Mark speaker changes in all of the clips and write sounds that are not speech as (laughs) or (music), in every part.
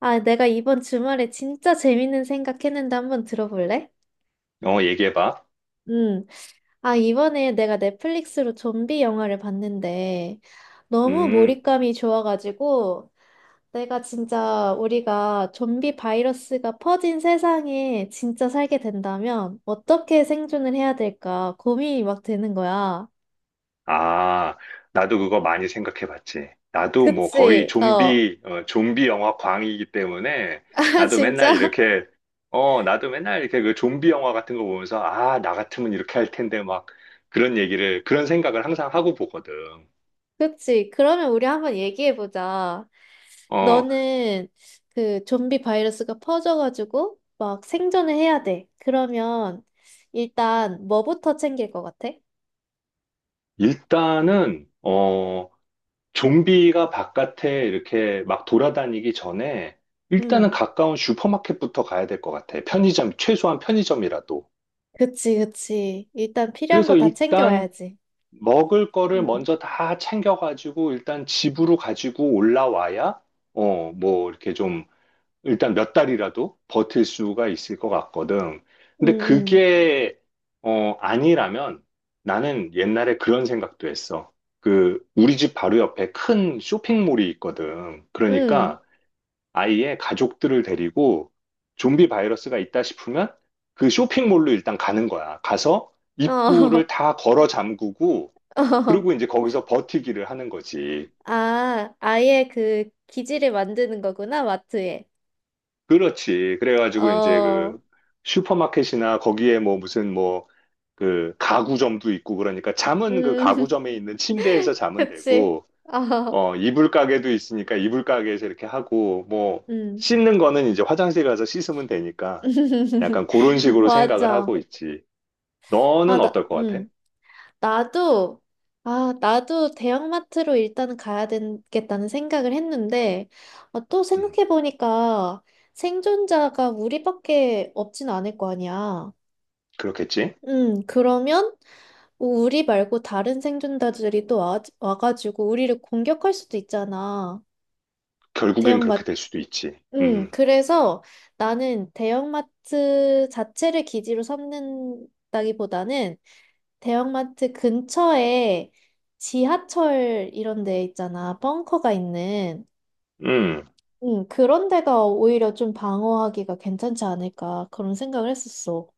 Speaker 1: 아, 내가 이번 주말에 진짜 재밌는 생각했는데 한번 들어볼래?
Speaker 2: 어, 얘기해봐.
Speaker 1: 음. 아, 이번에 내가 넷플릭스로 좀비 영화를 봤는데 너무
Speaker 2: 음,
Speaker 1: 몰입감이 좋아가지고 내가 진짜 우리가 좀비 바이러스가 퍼진 세상에 진짜 살게 된다면 어떻게 생존을 해야 될까 고민이 막 되는 거야.
Speaker 2: 아, 나도 그거 많이 생각해봤지. 나도 뭐 거의
Speaker 1: 그치? 어.
Speaker 2: 좀비, 좀비 영화 광이기 때문에
Speaker 1: (laughs) 아,
Speaker 2: 나도 맨날
Speaker 1: 진짜?
Speaker 2: 이렇게 그 좀비 영화 같은 거 보면서 아, 나 같으면 이렇게 할 텐데 막 그런 그런 생각을 항상 하고 보거든.
Speaker 1: 그치? 그러면 우리 한번 얘기해보자.
Speaker 2: 어,
Speaker 1: 너는 그 좀비 바이러스가 퍼져가지고 막 생존을 해야 돼. 그러면 일단 뭐부터 챙길 것 같아?
Speaker 2: 일단은, 어, 좀비가 바깥에 이렇게 막 돌아다니기 전에 일단은
Speaker 1: 응.
Speaker 2: 가까운 슈퍼마켓부터 가야 될 것 같아. 편의점, 최소한 편의점이라도.
Speaker 1: 그치, 그치. 일단 필요한 거
Speaker 2: 그래서
Speaker 1: 다
Speaker 2: 일단
Speaker 1: 챙겨와야지.
Speaker 2: 먹을 거를
Speaker 1: 응.
Speaker 2: 먼저 다 챙겨가지고 일단 집으로 가지고 올라와야 어, 뭐 이렇게 좀 일단 몇 달이라도 버틸 수가 있을 것 같거든.
Speaker 1: 응,
Speaker 2: 근데
Speaker 1: 응.
Speaker 2: 그게 어, 아니라면 나는 옛날에 그런 생각도 했어. 그 우리 집 바로 옆에 큰 쇼핑몰이 있거든. 그러니까 아이의 가족들을 데리고 좀비 바이러스가 있다 싶으면 그 쇼핑몰로 일단 가는 거야. 가서
Speaker 1: 응.
Speaker 2: 입구를
Speaker 1: 어.
Speaker 2: 다 걸어 잠그고 그리고 이제
Speaker 1: (laughs)
Speaker 2: 거기서 버티기를 하는 거지.
Speaker 1: 어. 아, 아예 그 기지를 만드는 거구나, 마트에.
Speaker 2: 그렇지. 그래가지고 이제
Speaker 1: 어.
Speaker 2: 그 슈퍼마켓이나 거기에 뭐 무슨 그 가구점도 있고 그러니까 잠은 그
Speaker 1: 음.
Speaker 2: 가구점에 있는 침대에서
Speaker 1: (laughs)
Speaker 2: 자면
Speaker 1: 그치.
Speaker 2: 되고
Speaker 1: 어.
Speaker 2: 어, 이불 가게도 있으니까 이불 가게에서 이렇게 하고, 뭐,
Speaker 1: 음.
Speaker 2: 씻는 거는 이제 화장실 가서 씻으면 되니까,
Speaker 1: (laughs)
Speaker 2: 약간 그런 식으로 생각을
Speaker 1: 맞아.
Speaker 2: 하고 있지.
Speaker 1: 아,
Speaker 2: 너는
Speaker 1: 나,
Speaker 2: 어떨 것 같아?
Speaker 1: 나도, 아, 나도 대형마트로 일단 가야 되겠다는 생각을 했는데, 어, 또
Speaker 2: 음,
Speaker 1: 생각해보니까 생존자가 우리밖에 없진 않을 거 아니야.
Speaker 2: 그렇겠지?
Speaker 1: 그러면 우리 말고 다른 생존자들이 또 와가지고 우리를 공격할 수도 있잖아.
Speaker 2: 결국엔 그렇게
Speaker 1: 대형마트.
Speaker 2: 될 수도 있지.
Speaker 1: 그래서 나는 대형마트 자체를 기지로 삼는다기보다는 대형마트 근처에 지하철 이런 데 있잖아. 벙커가 있는.
Speaker 2: 음,
Speaker 1: 응, 그런 데가 오히려 좀 방어하기가 괜찮지 않을까. 그런 생각을 했었어.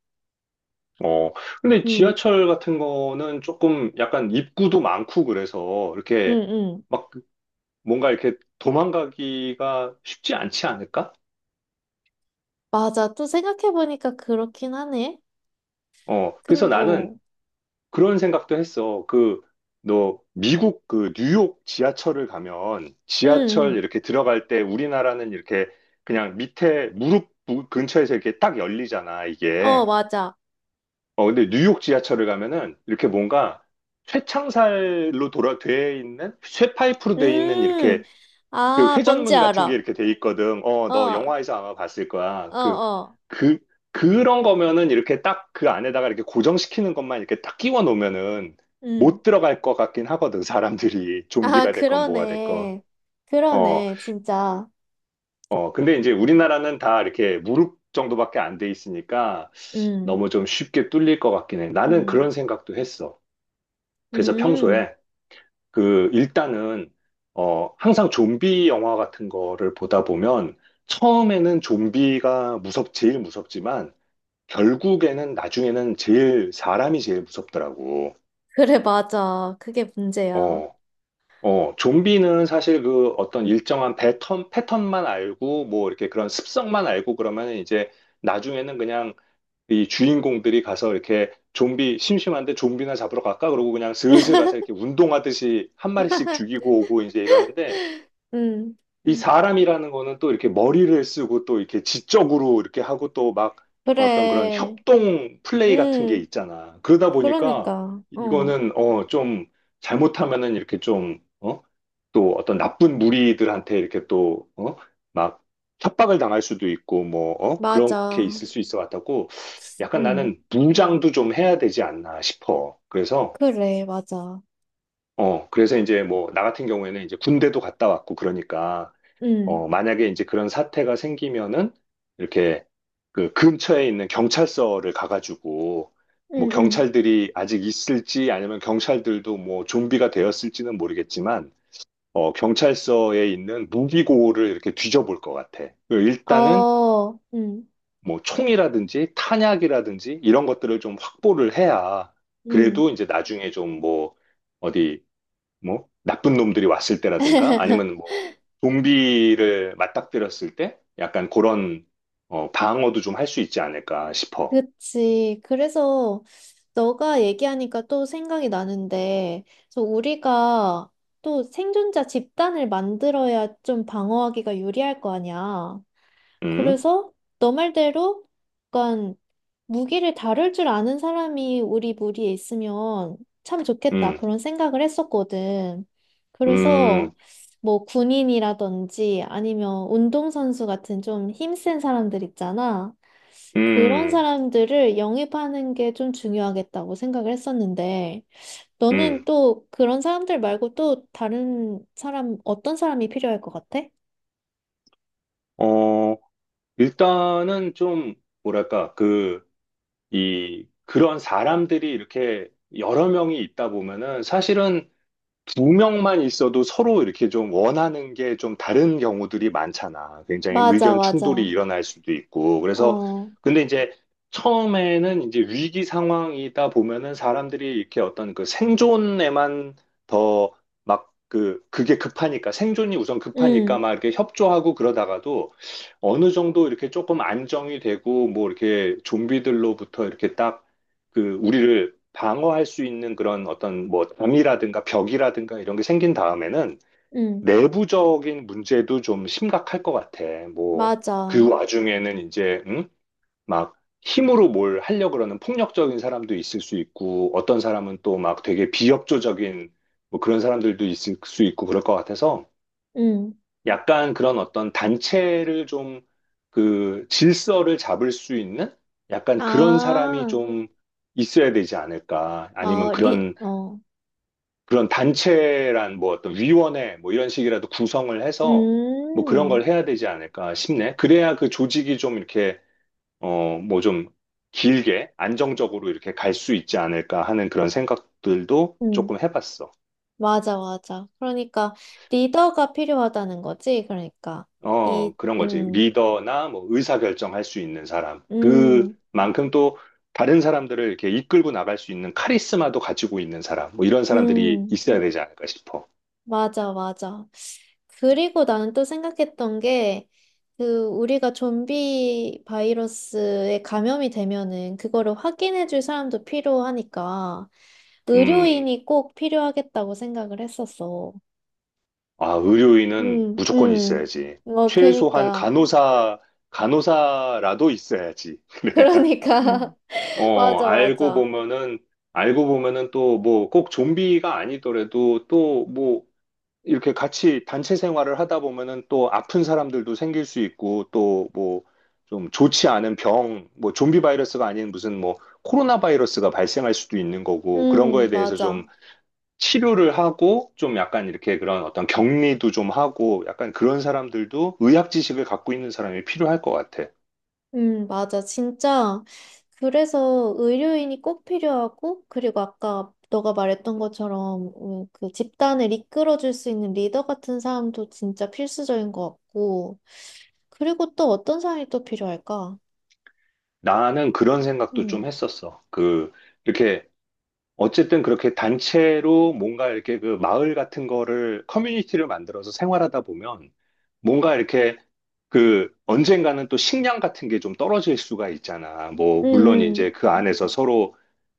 Speaker 2: 어. 근데
Speaker 1: 응,
Speaker 2: 지하철 같은 거는 조금 약간 입구도 많고 그래서
Speaker 1: 응,
Speaker 2: 이렇게
Speaker 1: 응.
Speaker 2: 막 뭔가 이렇게 도망가기가 쉽지 않지 않을까?
Speaker 1: 맞아. 또 생각해보니까 그렇긴 하네.
Speaker 2: 어, 그래서
Speaker 1: 어.
Speaker 2: 나는 그런 생각도 했어. 그, 너, 미국 그 뉴욕 지하철을 가면 지하철
Speaker 1: 응,
Speaker 2: 이렇게 들어갈 때 우리나라는 이렇게 그냥 밑에 근처에서 이렇게 딱 열리잖아,
Speaker 1: 응. 어,
Speaker 2: 이게.
Speaker 1: 맞아.
Speaker 2: 어, 근데 뉴욕 지하철을 가면은 이렇게 뭔가 돼 있는, 쇠파이프로 돼 있는
Speaker 1: 음,
Speaker 2: 이렇게 그
Speaker 1: 아, 뭔지
Speaker 2: 회전문 같은 게
Speaker 1: 알아.
Speaker 2: 이렇게 돼 있거든. 어,
Speaker 1: 어,
Speaker 2: 너
Speaker 1: 어,
Speaker 2: 영화에서 아마 봤을 거야.
Speaker 1: 어.
Speaker 2: 그, 그런 거면은 이렇게 딱 그 안에다가 이렇게 고정시키는 것만 이렇게 딱 끼워 놓으면은
Speaker 1: 음.
Speaker 2: 못 들어갈 것 같긴 하거든. 사람들이
Speaker 1: 아,
Speaker 2: 좀비가 됐건 뭐가 됐건.
Speaker 1: 그러네.
Speaker 2: 어,
Speaker 1: 그러네, 진짜.
Speaker 2: 어. 근데 이제 우리나라는 다 이렇게 무릎 정도밖에 안 돼 있으니까
Speaker 1: 음,
Speaker 2: 너무 좀 쉽게 뚫릴 것 같긴 해. 나는
Speaker 1: 음,
Speaker 2: 그런 생각도 했어. 그래서
Speaker 1: 음.
Speaker 2: 평소에 그 일단은 어 항상 좀비 영화 같은 거를 보다 보면 처음에는 좀비가 무섭 제일 무섭지만 결국에는 나중에는 제일 사람이 제일 무섭더라고.
Speaker 1: 그래, 맞아. 그게 문제야.
Speaker 2: 어. 어, 좀비는 사실 그 어떤 일정한 패턴만 알고 뭐 이렇게 그런 습성만 알고 그러면 이제 나중에는 그냥 이 주인공들이 가서 이렇게 좀비 심심한데 좀비나 잡으러 갈까? 그러고 그냥 슬슬 가서 이렇게 운동하듯이 한 마리씩 죽이고 오고 이제 이러는데
Speaker 1: 음,
Speaker 2: 이 사람이라는 거는 또 이렇게 머리를 쓰고 또 이렇게 지적으로 이렇게 하고 또 막 어떤 그런
Speaker 1: 그래.
Speaker 2: 협동 플레이 같은 게
Speaker 1: 음,
Speaker 2: 있잖아. 그러다 보니까
Speaker 1: 그러니까. 어,
Speaker 2: 이거는 어, 좀 잘못하면은 이렇게 좀 어? 또 어떤 나쁜 무리들한테 이렇게 또 어? 막 협박을 당할 수도 있고 뭐 어? 그렇게
Speaker 1: 맞아.
Speaker 2: 있을 수 있어 같다고 약간
Speaker 1: 음,
Speaker 2: 나는 무장도 좀 해야 되지 않나 싶어. 그래서
Speaker 1: 그래, 맞아.
Speaker 2: 어, 그래서 이제 뭐 나 같은 경우에는 이제 군대도 갔다 왔고 그러니까
Speaker 1: 음,
Speaker 2: 어, 만약에 이제 그런 사태가 생기면은 이렇게 그 근처에 있는 경찰서를 가가지고 뭐
Speaker 1: 음,
Speaker 2: 경찰들이 아직 있을지 아니면 경찰들도 뭐 좀비가 되었을지는 모르겠지만 어, 경찰서에 있는 무기고를 이렇게 뒤져볼 것 같아. 그 일단은
Speaker 1: 어,
Speaker 2: 뭐 총이라든지 탄약이라든지 이런 것들을 좀 확보를 해야 그래도
Speaker 1: 음.
Speaker 2: 이제 나중에 좀 뭐 어디 뭐 나쁜 놈들이 왔을 때라든가 아니면 뭐 좀비를 맞닥뜨렸을 때 약간 그런 어, 방어도 좀 할 수 있지 않을까 싶어.
Speaker 1: 그치. 그래서 너가 얘기하니까 또 생각이 나는데, 그래서 우리가 또 생존자 집단을 만들어야 좀 방어하기가 유리할 거 아니야.
Speaker 2: 음,
Speaker 1: 그래서 너 말대로 약간 무기를 다룰 줄 아는 사람이 우리 무리에 있으면 참 좋겠다.
Speaker 2: 음,
Speaker 1: 그런 생각을 했었거든.
Speaker 2: 음,
Speaker 1: 그래서 뭐 군인이라든지 아니면 운동선수 같은 좀 힘센 사람들 있잖아. 그런
Speaker 2: 음,
Speaker 1: 사람들을 영입하는 게 좀 중요하겠다고 생각을 했었는데,
Speaker 2: 음.
Speaker 1: 너는 또 그런 사람들 말고 또 다른 사람, 어떤 사람이 필요할 것 같아?
Speaker 2: 어, 일단은 좀 뭐랄까 그 이 그런 사람들이 이렇게 여러 명이 있다 보면은 사실은 두 명만 있어도 서로 이렇게 좀 원하는 게 좀 다른 경우들이 많잖아. 굉장히
Speaker 1: 맞아,
Speaker 2: 의견 충돌이
Speaker 1: 맞아.
Speaker 2: 일어날 수도 있고. 그래서,
Speaker 1: 어,
Speaker 2: 근데 이제 처음에는 이제 위기 상황이다 보면은 사람들이 이렇게 어떤 그 생존에만 더 막 그게 급하니까, 생존이 우선 급하니까
Speaker 1: 응,
Speaker 2: 막 이렇게 협조하고 그러다가도 어느 정도 이렇게 조금 안정이 되고 뭐 이렇게 좀비들로부터 이렇게 딱 그 우리를 방어할 수 있는 그런 어떤 뭐 담이라든가 벽이라든가 이런 게 생긴 다음에는
Speaker 1: 응,
Speaker 2: 내부적인 문제도 좀 심각할 것 같아. 뭐 그
Speaker 1: 맞아.
Speaker 2: 와중에는 이제 응? 막 힘으로 뭘 하려고 그러는 폭력적인 사람도 있을 수 있고 어떤 사람은 또 막 되게 비협조적인 뭐 그런 사람들도 있을 수 있고 그럴 것 같아서
Speaker 1: 응.
Speaker 2: 약간 그런 어떤 단체를 좀 그 질서를 잡을 수 있는 약간 그런 사람이
Speaker 1: 아,
Speaker 2: 좀 있어야 되지 않을까. 아니면
Speaker 1: 어,
Speaker 2: 그런,
Speaker 1: 어,
Speaker 2: 그런 단체란 뭐 어떤 위원회 뭐 이런 식이라도 구성을 해서 뭐 그런
Speaker 1: 음,
Speaker 2: 걸 해야 되지 않을까 싶네. 그래야 그 조직이 좀 이렇게, 어, 뭐 좀 길게 안정적으로 이렇게 갈 수 있지 않을까 하는 그런 생각들도
Speaker 1: 음,
Speaker 2: 조금 해봤어.
Speaker 1: 맞아, 맞아. 그러니까, 리더가 필요하다는 거지, 그러니까.
Speaker 2: 어,
Speaker 1: 이,
Speaker 2: 그런 거지.
Speaker 1: 음,
Speaker 2: 리더나 뭐 의사결정할 수 있는 사람.
Speaker 1: 음,
Speaker 2: 그만큼 또 다른 사람들을 이렇게 이끌고 나갈 수 있는 카리스마도 가지고 있는 사람. 뭐 이런 사람들이
Speaker 1: 음,
Speaker 2: 있어야 되지 않을까 싶어.
Speaker 1: 맞아, 맞아. 그리고 나는 또 생각했던 게, 그, 우리가 좀비 바이러스에 감염이 되면은, 그거를 확인해줄 사람도 필요하니까,
Speaker 2: 음,
Speaker 1: 의료인이 꼭 필요하겠다고 생각을 했었어.
Speaker 2: 아, 의료인은
Speaker 1: 음,
Speaker 2: 무조건
Speaker 1: 음.
Speaker 2: 있어야지.
Speaker 1: 어,
Speaker 2: 최소한
Speaker 1: 그니까.
Speaker 2: 간호사라도 있어야지. (laughs) 음.
Speaker 1: 그러니까. (laughs)
Speaker 2: 어,
Speaker 1: 맞아,
Speaker 2: 알고
Speaker 1: 맞아.
Speaker 2: 보면은, 알고 보면은 또 뭐 꼭 좀비가 아니더라도 또뭐 이렇게 같이 단체 생활을 하다 보면은 또 아픈 사람들도 생길 수 있고 또 뭐 좀 좋지 않은 병, 뭐 좀비 바이러스가 아닌 무슨 뭐 코로나 바이러스가 발생할 수도 있는 거고 그런 거에 대해서 좀
Speaker 1: 맞아.
Speaker 2: 치료를 하고 좀 약간 이렇게 그런 어떤 격리도 좀 하고 약간 그런 사람들도 의학 지식을 갖고 있는 사람이 필요할 것 같아.
Speaker 1: 맞아. 진짜. 그래서 의료인이 꼭 필요하고, 그리고 아까 너가 말했던 것처럼, 그 집단을 이끌어줄 수 있는 리더 같은 사람도 진짜 필수적인 것 같고, 그리고 또 어떤 사람이 또 필요할까?
Speaker 2: 나는 그런 생각도 좀
Speaker 1: 음,
Speaker 2: 했었어. 그 이렇게 어쨌든 그렇게 단체로 뭔가 이렇게 그 마을 같은 거를 커뮤니티를 만들어서 생활하다 보면 뭔가 이렇게 그 언젠가는 또 식량 같은 게 좀 떨어질 수가 있잖아.
Speaker 1: 음,
Speaker 2: 뭐 물론
Speaker 1: 음.
Speaker 2: 이제 그 안에서 서로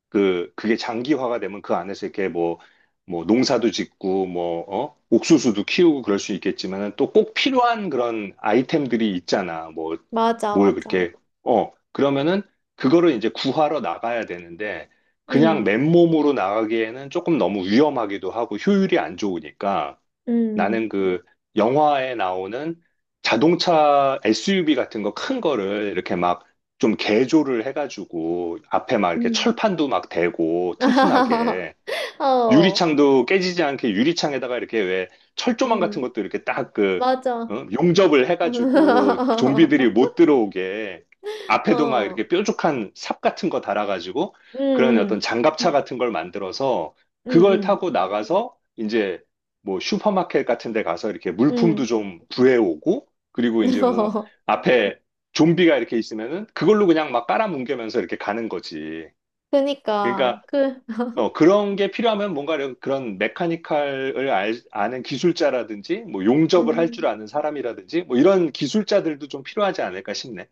Speaker 2: 그게 장기화가 되면 그 안에서 이렇게 뭐 농사도 짓고 뭐 어? 옥수수도 키우고 그럴 수 있겠지만은 또 꼭 필요한 그런 아이템들이 있잖아. 뭐
Speaker 1: 맞아,
Speaker 2: 뭘
Speaker 1: 맞아.
Speaker 2: 그렇게 어 그러면은 그거를 이제 구하러 나가야 되는데 그냥
Speaker 1: 음,
Speaker 2: 맨몸으로 나가기에는 조금 너무 위험하기도 하고 효율이 안 좋으니까
Speaker 1: 음,
Speaker 2: 나는 그 영화에 나오는 자동차 SUV 같은 거 큰 거를 이렇게 막 좀 개조를 해가지고 앞에 막 이렇게
Speaker 1: 음.
Speaker 2: 철판도 막 대고
Speaker 1: (laughs)
Speaker 2: 튼튼하게
Speaker 1: 어,
Speaker 2: 유리창도 깨지지 않게 유리창에다가 이렇게 왜 철조망 같은
Speaker 1: 음.
Speaker 2: 것도 이렇게 딱 그,
Speaker 1: 맞아.
Speaker 2: 어? 용접을 해가지고 좀비들이 못
Speaker 1: (laughs)
Speaker 2: 들어오게 앞에도 막
Speaker 1: 어,
Speaker 2: 이렇게 뾰족한 삽 같은 거 달아가지고
Speaker 1: 응,
Speaker 2: 그런 어떤
Speaker 1: 응,
Speaker 2: 장갑차 같은 걸 만들어서 그걸
Speaker 1: 응,
Speaker 2: 타고 나가서 이제 뭐 슈퍼마켓 같은 데 가서 이렇게
Speaker 1: 응,
Speaker 2: 물품도
Speaker 1: 응.
Speaker 2: 좀 구해오고 그리고 이제
Speaker 1: (laughs)
Speaker 2: 뭐
Speaker 1: 어,
Speaker 2: 앞에 좀비가 이렇게 있으면은 그걸로 그냥 막 깔아뭉개면서 이렇게 가는 거지.
Speaker 1: 그니까,
Speaker 2: 그러니까
Speaker 1: 그, (laughs)
Speaker 2: 어, 그런 게 필요하면 뭔가 그런 메카니컬을 아는 기술자라든지, 뭐 용접을 할 줄
Speaker 1: 음,
Speaker 2: 아는 사람이라든지, 뭐 이런 기술자들도 좀 필요하지 않을까 싶네.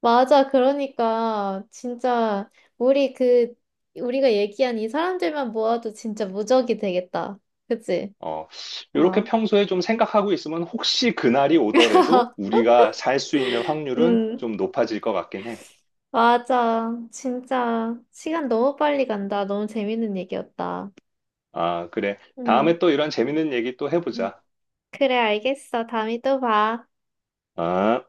Speaker 1: 맞아. 그러니까, 진짜, 우리 그, 우리가 얘기한 이 사람들만 모아도 진짜 무적이 되겠다. 그치?
Speaker 2: 어, 이렇게
Speaker 1: 어.
Speaker 2: 평소에 좀 생각하고 있으면 혹시 그날이 오더라도
Speaker 1: (laughs)
Speaker 2: 우리가 살 수 있는 확률은
Speaker 1: 음,
Speaker 2: 좀 높아질 것 같긴 해.
Speaker 1: 맞아. 진짜, 시간 너무 빨리 간다. 너무 재밌는 얘기였다.
Speaker 2: 아, 그래. 다음에
Speaker 1: 음,
Speaker 2: 또 이런 재밌는 얘기 또
Speaker 1: 음.
Speaker 2: 해보자.
Speaker 1: 그래, 알겠어. 다음에 또 봐.
Speaker 2: 아.